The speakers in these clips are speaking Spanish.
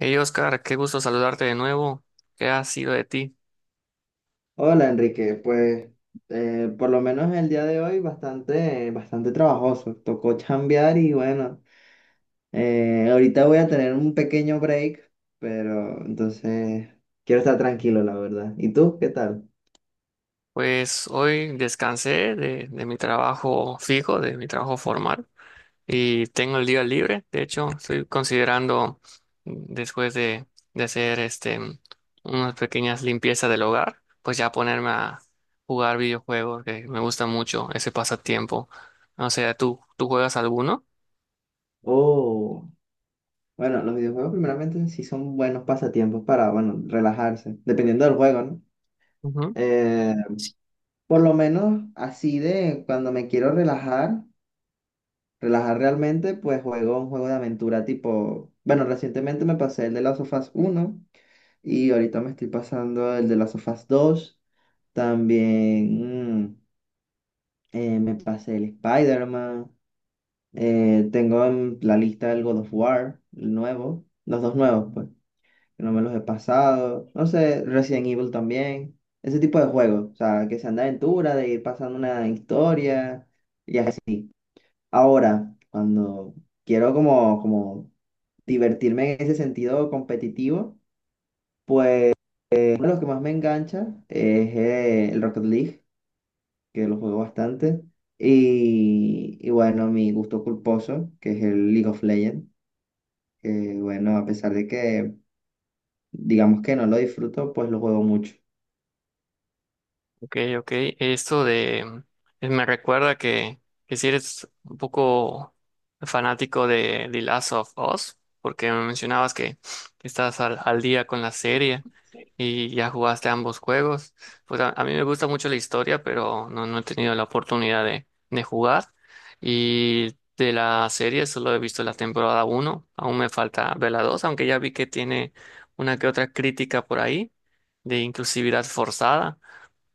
Hey Oscar, qué gusto saludarte de nuevo. ¿Qué ha sido de ti? Hola Enrique. Pues por lo menos el día de hoy bastante trabajoso. Tocó chambear y bueno, ahorita voy a tener un pequeño break, pero entonces quiero estar tranquilo, la verdad. ¿Y tú qué tal? Pues hoy descansé de mi trabajo fijo, de mi trabajo formal, y tengo el día libre. De hecho, estoy considerando, después de hacer este, unas pequeñas limpiezas del hogar, pues ya ponerme a jugar videojuegos, que me gusta mucho ese pasatiempo. O sea, ¿tú juegas alguno? Oh, bueno, los videojuegos primeramente sí son buenos pasatiempos para, bueno, relajarse, dependiendo del juego, ¿no? Eh, por lo menos así de cuando me quiero relajar realmente, pues juego un juego de aventura tipo, bueno, recientemente me pasé el de Last of Us 1 y ahorita me estoy pasando el de Last of Us 2. También me pasé el Spider-Man. Tengo en la lista el God of War, el nuevo, los dos nuevos, pues, que no me los he pasado. No sé, Resident Evil también. Ese tipo de juegos, o sea, que sean de aventura, de ir pasando una historia. y Ahora, cuando quiero como divertirme en ese sentido competitivo, pues uno de los que más me engancha es el Rocket League, que lo juego bastante. Y bueno, mi gusto culposo, que es el League of Legends, que bueno, a pesar de que digamos que no lo disfruto, pues lo juego mucho. Ok, ok. Esto de me recuerda que si eres un poco fanático de The Last of Us, porque me mencionabas que estás al día con la serie y ya jugaste ambos juegos. Pues a mí me gusta mucho la historia, pero no, no he tenido la oportunidad de jugar. Y de la serie solo he visto la temporada uno. Aún me falta ver la 2, aunque ya vi que tiene una que otra crítica por ahí de inclusividad forzada,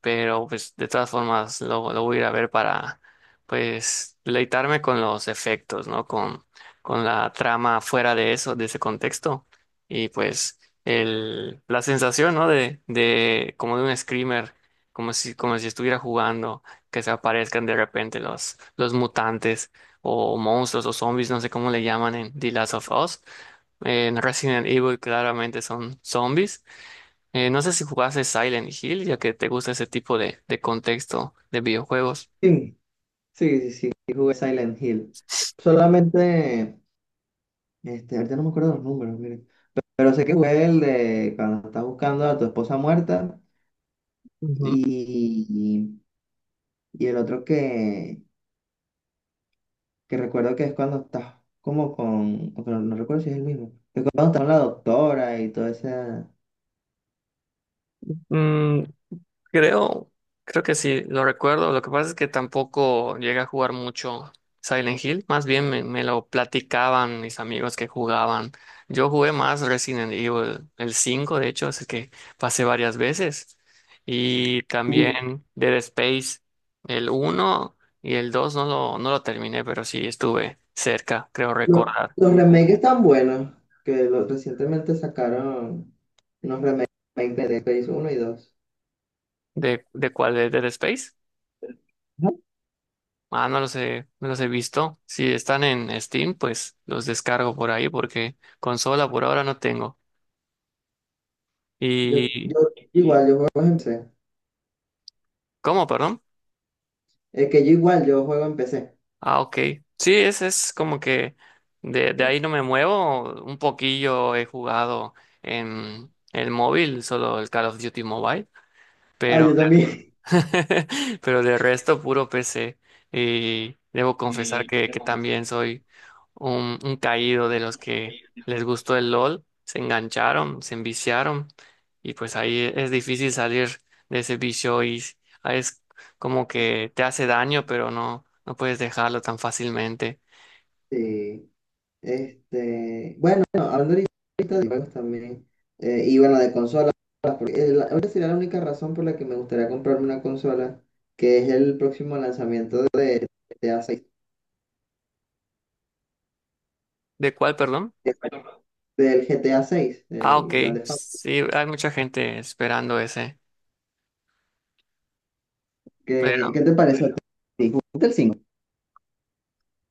pero pues de todas formas lo voy a ir a ver para pues deleitarme con los efectos, ¿no? Con la trama fuera de eso, de ese contexto y pues el, la sensación, ¿no? De como de un screamer, como si estuviera jugando, que se aparezcan de repente los mutantes o monstruos o zombies, no sé cómo le llaman en The Last of Us. En Resident Evil claramente son zombies. No sé si jugaste Silent Hill, ya que te gusta ese tipo de contexto de videojuegos. Sí, sí, sí, sí, y jugué Silent Hill. Solamente, este, ahorita no me acuerdo los números, mira. Pero sé que fue el de cuando estás buscando a tu esposa muerta Ujú. y, y el otro que recuerdo que es cuando estás como con, o que no, no recuerdo si es el mismo, que cuando estás con la doctora y toda esa. Mm, creo, creo que sí, lo recuerdo. Lo que pasa es que tampoco llegué a jugar mucho Silent Hill. Más bien me, me lo platicaban mis amigos que jugaban. Yo jugué más Resident Evil, el 5 de hecho, así que pasé varias veces. Y Uh, también Dead Space, el uno y el 2 no lo, no lo terminé, pero sí estuve cerca, creo Los, recordar. los remakes tan buenos que recientemente sacaron unos remakes de Dead Space uno y dos. De cuál? ¿De Dead Space? Ujú. Ah, no los he, no los he visto. Si están en Steam, pues los descargo por ahí porque consola por ahora no tengo. Yo, ¿Y yo igual, yo juego en PC. cómo, perdón? Es que yo igual, yo juego en PC. Ah, ok. Sí, es como que de ahí no me muevo. Un poquillo he jugado en el móvil, solo el Call of Duty Mobile. Ah, yo Pero también. pero de resto puro PC, y debo confesar que también soy un caído de los que les gustó el LOL, se engancharon, se enviciaron y pues ahí e, es difícil salir de ese vicio y s- ah, es como que te hace daño, pero no, no puedes dejarlo tan fácilmente. Sí. Este, bueno, hablando ahorita de juegos también, y bueno, de consolas, porque ahorita sería la única razón por la que me gustaría comprarme una consola, que es el próximo lanzamiento de GTA seis ¿De cuál, perdón? del GTA seis, Ah, ok, el Grande Theft Auto. sí, hay mucha gente esperando ese. Pues ¿Qué, qué te parece a ti? ¿Jugaste el 5?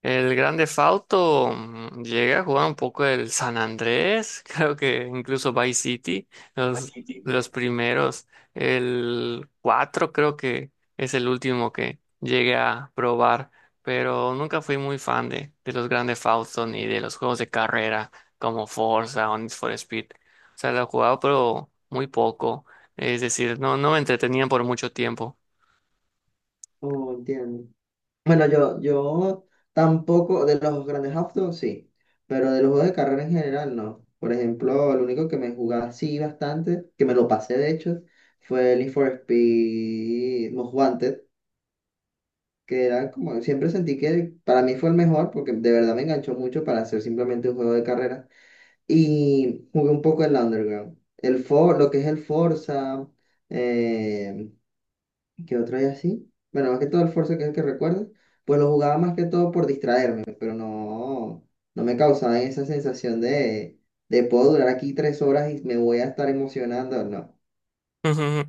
el Grande Fauto, llegué a jugar un poco el San Andrés, creo que incluso Vice City, los, los primeros. El 4 creo que es el último que llegué a probar, pero nunca fui muy fan de los Grande Fauto ni de los juegos de carrera como Forza o Need for Speed. O sea, lo he jugado pero muy poco, es decir, no, no me entretenían por mucho tiempo. Oh, entiendo. Bueno, yo tampoco, de los grandes autos sí, pero de los juegos de carrera en general no. Por ejemplo, el único que me jugaba así bastante, que me lo pasé de hecho, fue el Need for Speed Most Wanted, que era como, siempre sentí que para mí fue el mejor, porque de verdad me enganchó mucho para hacer simplemente un juego de carrera. Y jugué un poco el Underground. Lo que es el Forza, eh, que otro día sí. Bueno, más que todo el Forza, que es el que recuerdo, pues lo jugaba más que todo por distraerme, pero no, no me causaba esa sensación de puedo durar aquí tres horas y me voy a estar emocionando, no. Ujú.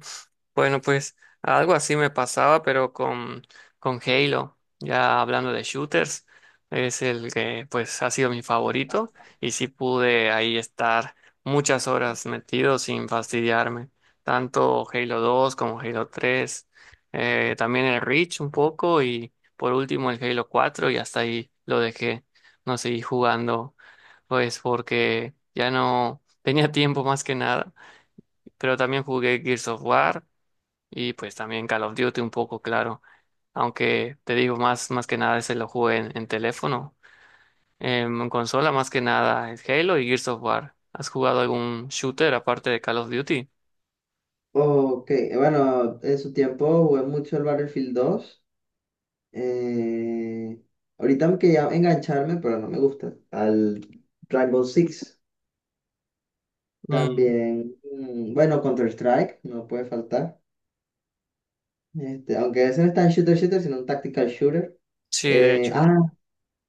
Bueno, pues algo así me pasaba, pero con Halo, ya hablando de shooters, es el que pues ha sido mi favorito y sí pude ahí estar muchas horas metido sin fastidiarme, tanto Halo dos como Halo tres, también el Reach un poco y por último el Halo cuatro, y hasta ahí lo dejé, no seguí jugando pues porque ya no tenía tiempo más que nada, pero también jugué Gears of War y pues también Call of Duty un poco, claro. Aunque te digo, más, más que nada ese lo jugué en teléfono. En consola, más que nada es Halo y Gears of War. ¿Has jugado algún shooter aparte de Call of Duty? Ok, bueno, en su tiempo jugué mucho el Battlefield 2. eh, Ahorita me quería engancharme, pero no me gusta, al Rainbow Six. Mm, También, bueno, Counter-Strike, no puede faltar. Este, aunque ese no está en shooter, sino un tactical shooter. sí, de Eh, hecho. ah,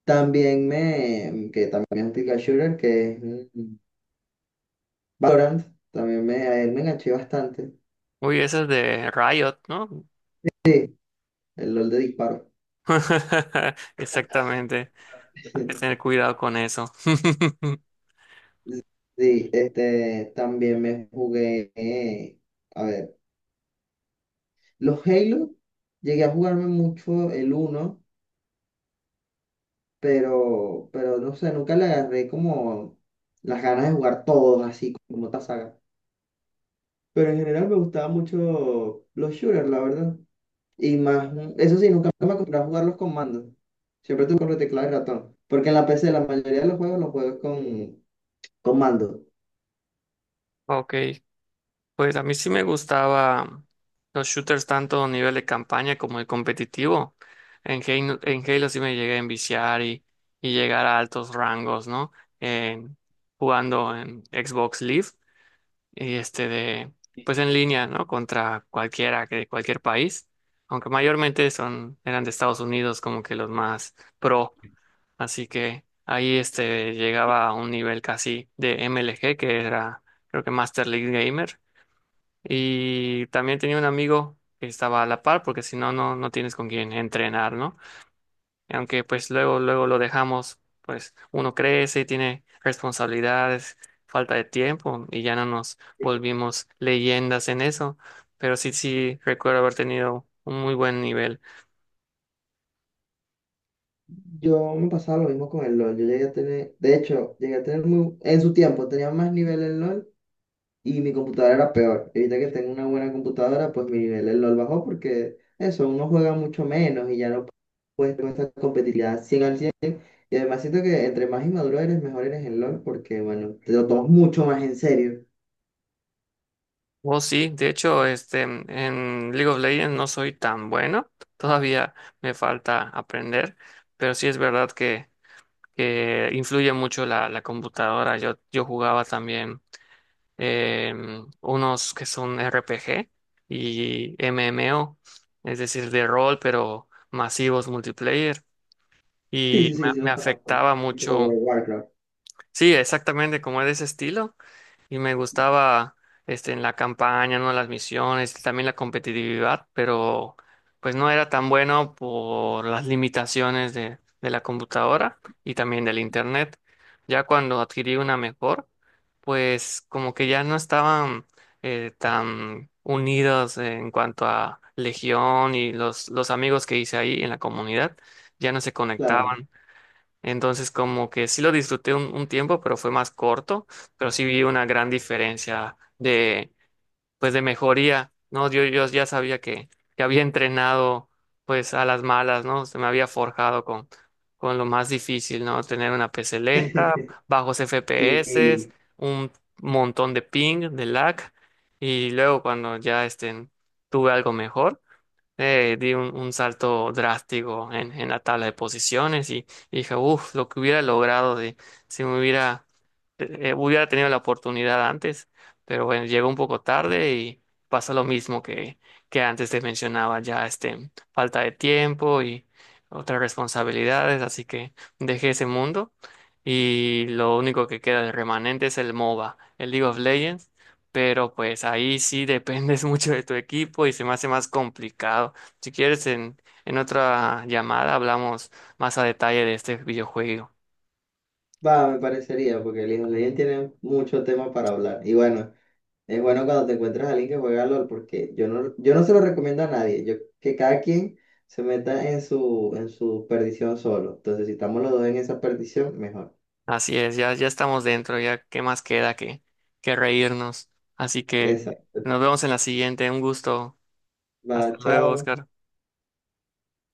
También me, que también es un tactical shooter, que es mm, Valorant, también me, a él me enganché bastante, Uy, ese es de Riot, ¿no? el LOL de disparo. Exactamente. Hay que tener cuidado con eso. Sí, este, también me jugué, a ver, los Halo, llegué a jugarme mucho el uno, pero, no sé, nunca le agarré como las ganas de jugar todos así como esta saga. Pero en general me gustaban mucho los shooters, la verdad. Y más, eso sí, nunca me acostumbré a jugar los comandos. Siempre tuve con teclado y ratón. Porque en la PC la mayoría de los juegos los juego con comando. Ok, pues a mí sí me gustaba los shooters tanto a nivel de campaña como de competitivo. En en Halo sí me llegué a enviciar y llegar a altos rangos, ¿no? En- jugando en Xbox Live y este de, pues en línea, ¿no? Contra cualquiera que de cualquier país, aunque mayormente son, eran de Estados Unidos como que los más pro. Así que ahí este llegaba a un nivel casi de MLG, que era creo que Master League Gamer, y también tenía un amigo que estaba a la par, porque si no, no, no tienes con quién entrenar, ¿no? Y aunque pues luego, luego lo dejamos, pues uno crece y tiene responsabilidades, falta de tiempo, y ya no nos volvimos leyendas en eso. Pero sí, sí, recuerdo haber tenido un muy buen nivel. Yo me pasaba lo mismo con el LOL. Yo llegué a tener, de hecho, llegué a tener muy, en su tiempo tenía más nivel en LOL y mi computadora era peor. Y ahorita que tengo una buena computadora, pues mi nivel en LOL bajó porque eso, uno juega mucho menos y ya no puedes con esta competitividad 100 al cien. Y además siento que entre más inmaduro eres, mejor eres en LOL porque, bueno, te lo tomas mucho más en serio. Oh, sí, de hecho, este, en League of Legends no soy tan bueno, todavía me falta aprender, pero sí es verdad que influye mucho la, la computadora. Yo jugaba también unos que son RPG y MMO, es decir, de rol, pero masivos multiplayer. Sí, Y sí, me, sí, sí, me los conozco. afectaba El juego de mucho, Warcraft, sí, exactamente como es de ese estilo y me gustaba este en la campaña, ¿no? Las misiones, también la competitividad, pero pues no era tan bueno por las limitaciones de la computadora y también del internet. Ya cuando adquirí una mejor, pues como que ya no estaban tan unidos en cuanto a Legión y los amigos que hice ahí en la comunidad, ya no se claro. conectaban, entonces, como que sí lo disfruté un tiempo, pero fue más corto, pero sí vi una gran diferencia de, pues, de mejoría, ¿no? Yo ya sabía que había entrenado, pues, a las malas, ¿no? Se me había forjado con lo más difícil, ¿no? Tener una PC lenta, bajos FPS, Sí, un montón de ping, de lag, y luego cuando ya, este, tuve algo mejor, di un salto drástico en la tabla de posiciones y dije, uff, lo que hubiera logrado de, si me hubiera, hubiera tenido la oportunidad antes, pero bueno, llegó un poco tarde y pasa lo mismo que antes te mencionaba, ya este, falta de tiempo y otras responsabilidades, así que dejé ese mundo y lo único que queda de remanente es el MOBA, el League of Legends, pero pues ahí sí dependes mucho de tu equipo y se me hace más complicado. Si quieres, en otra llamada hablamos más a detalle de este videojuego. va, me parecería, porque el hijo de Legend tiene mucho tema para hablar. Y bueno, es bueno cuando te encuentras a alguien que juega LOL, porque yo no se lo recomiendo a nadie. Yo, que cada quien se meta en su perdición solo. Entonces, si estamos los dos en esa perdición, mejor. Así es, ya, ya estamos dentro, ya qué más queda que reírnos. Así que Exacto. nos vemos en la siguiente. Un gusto. Va, Hasta luego, chao. Oscar.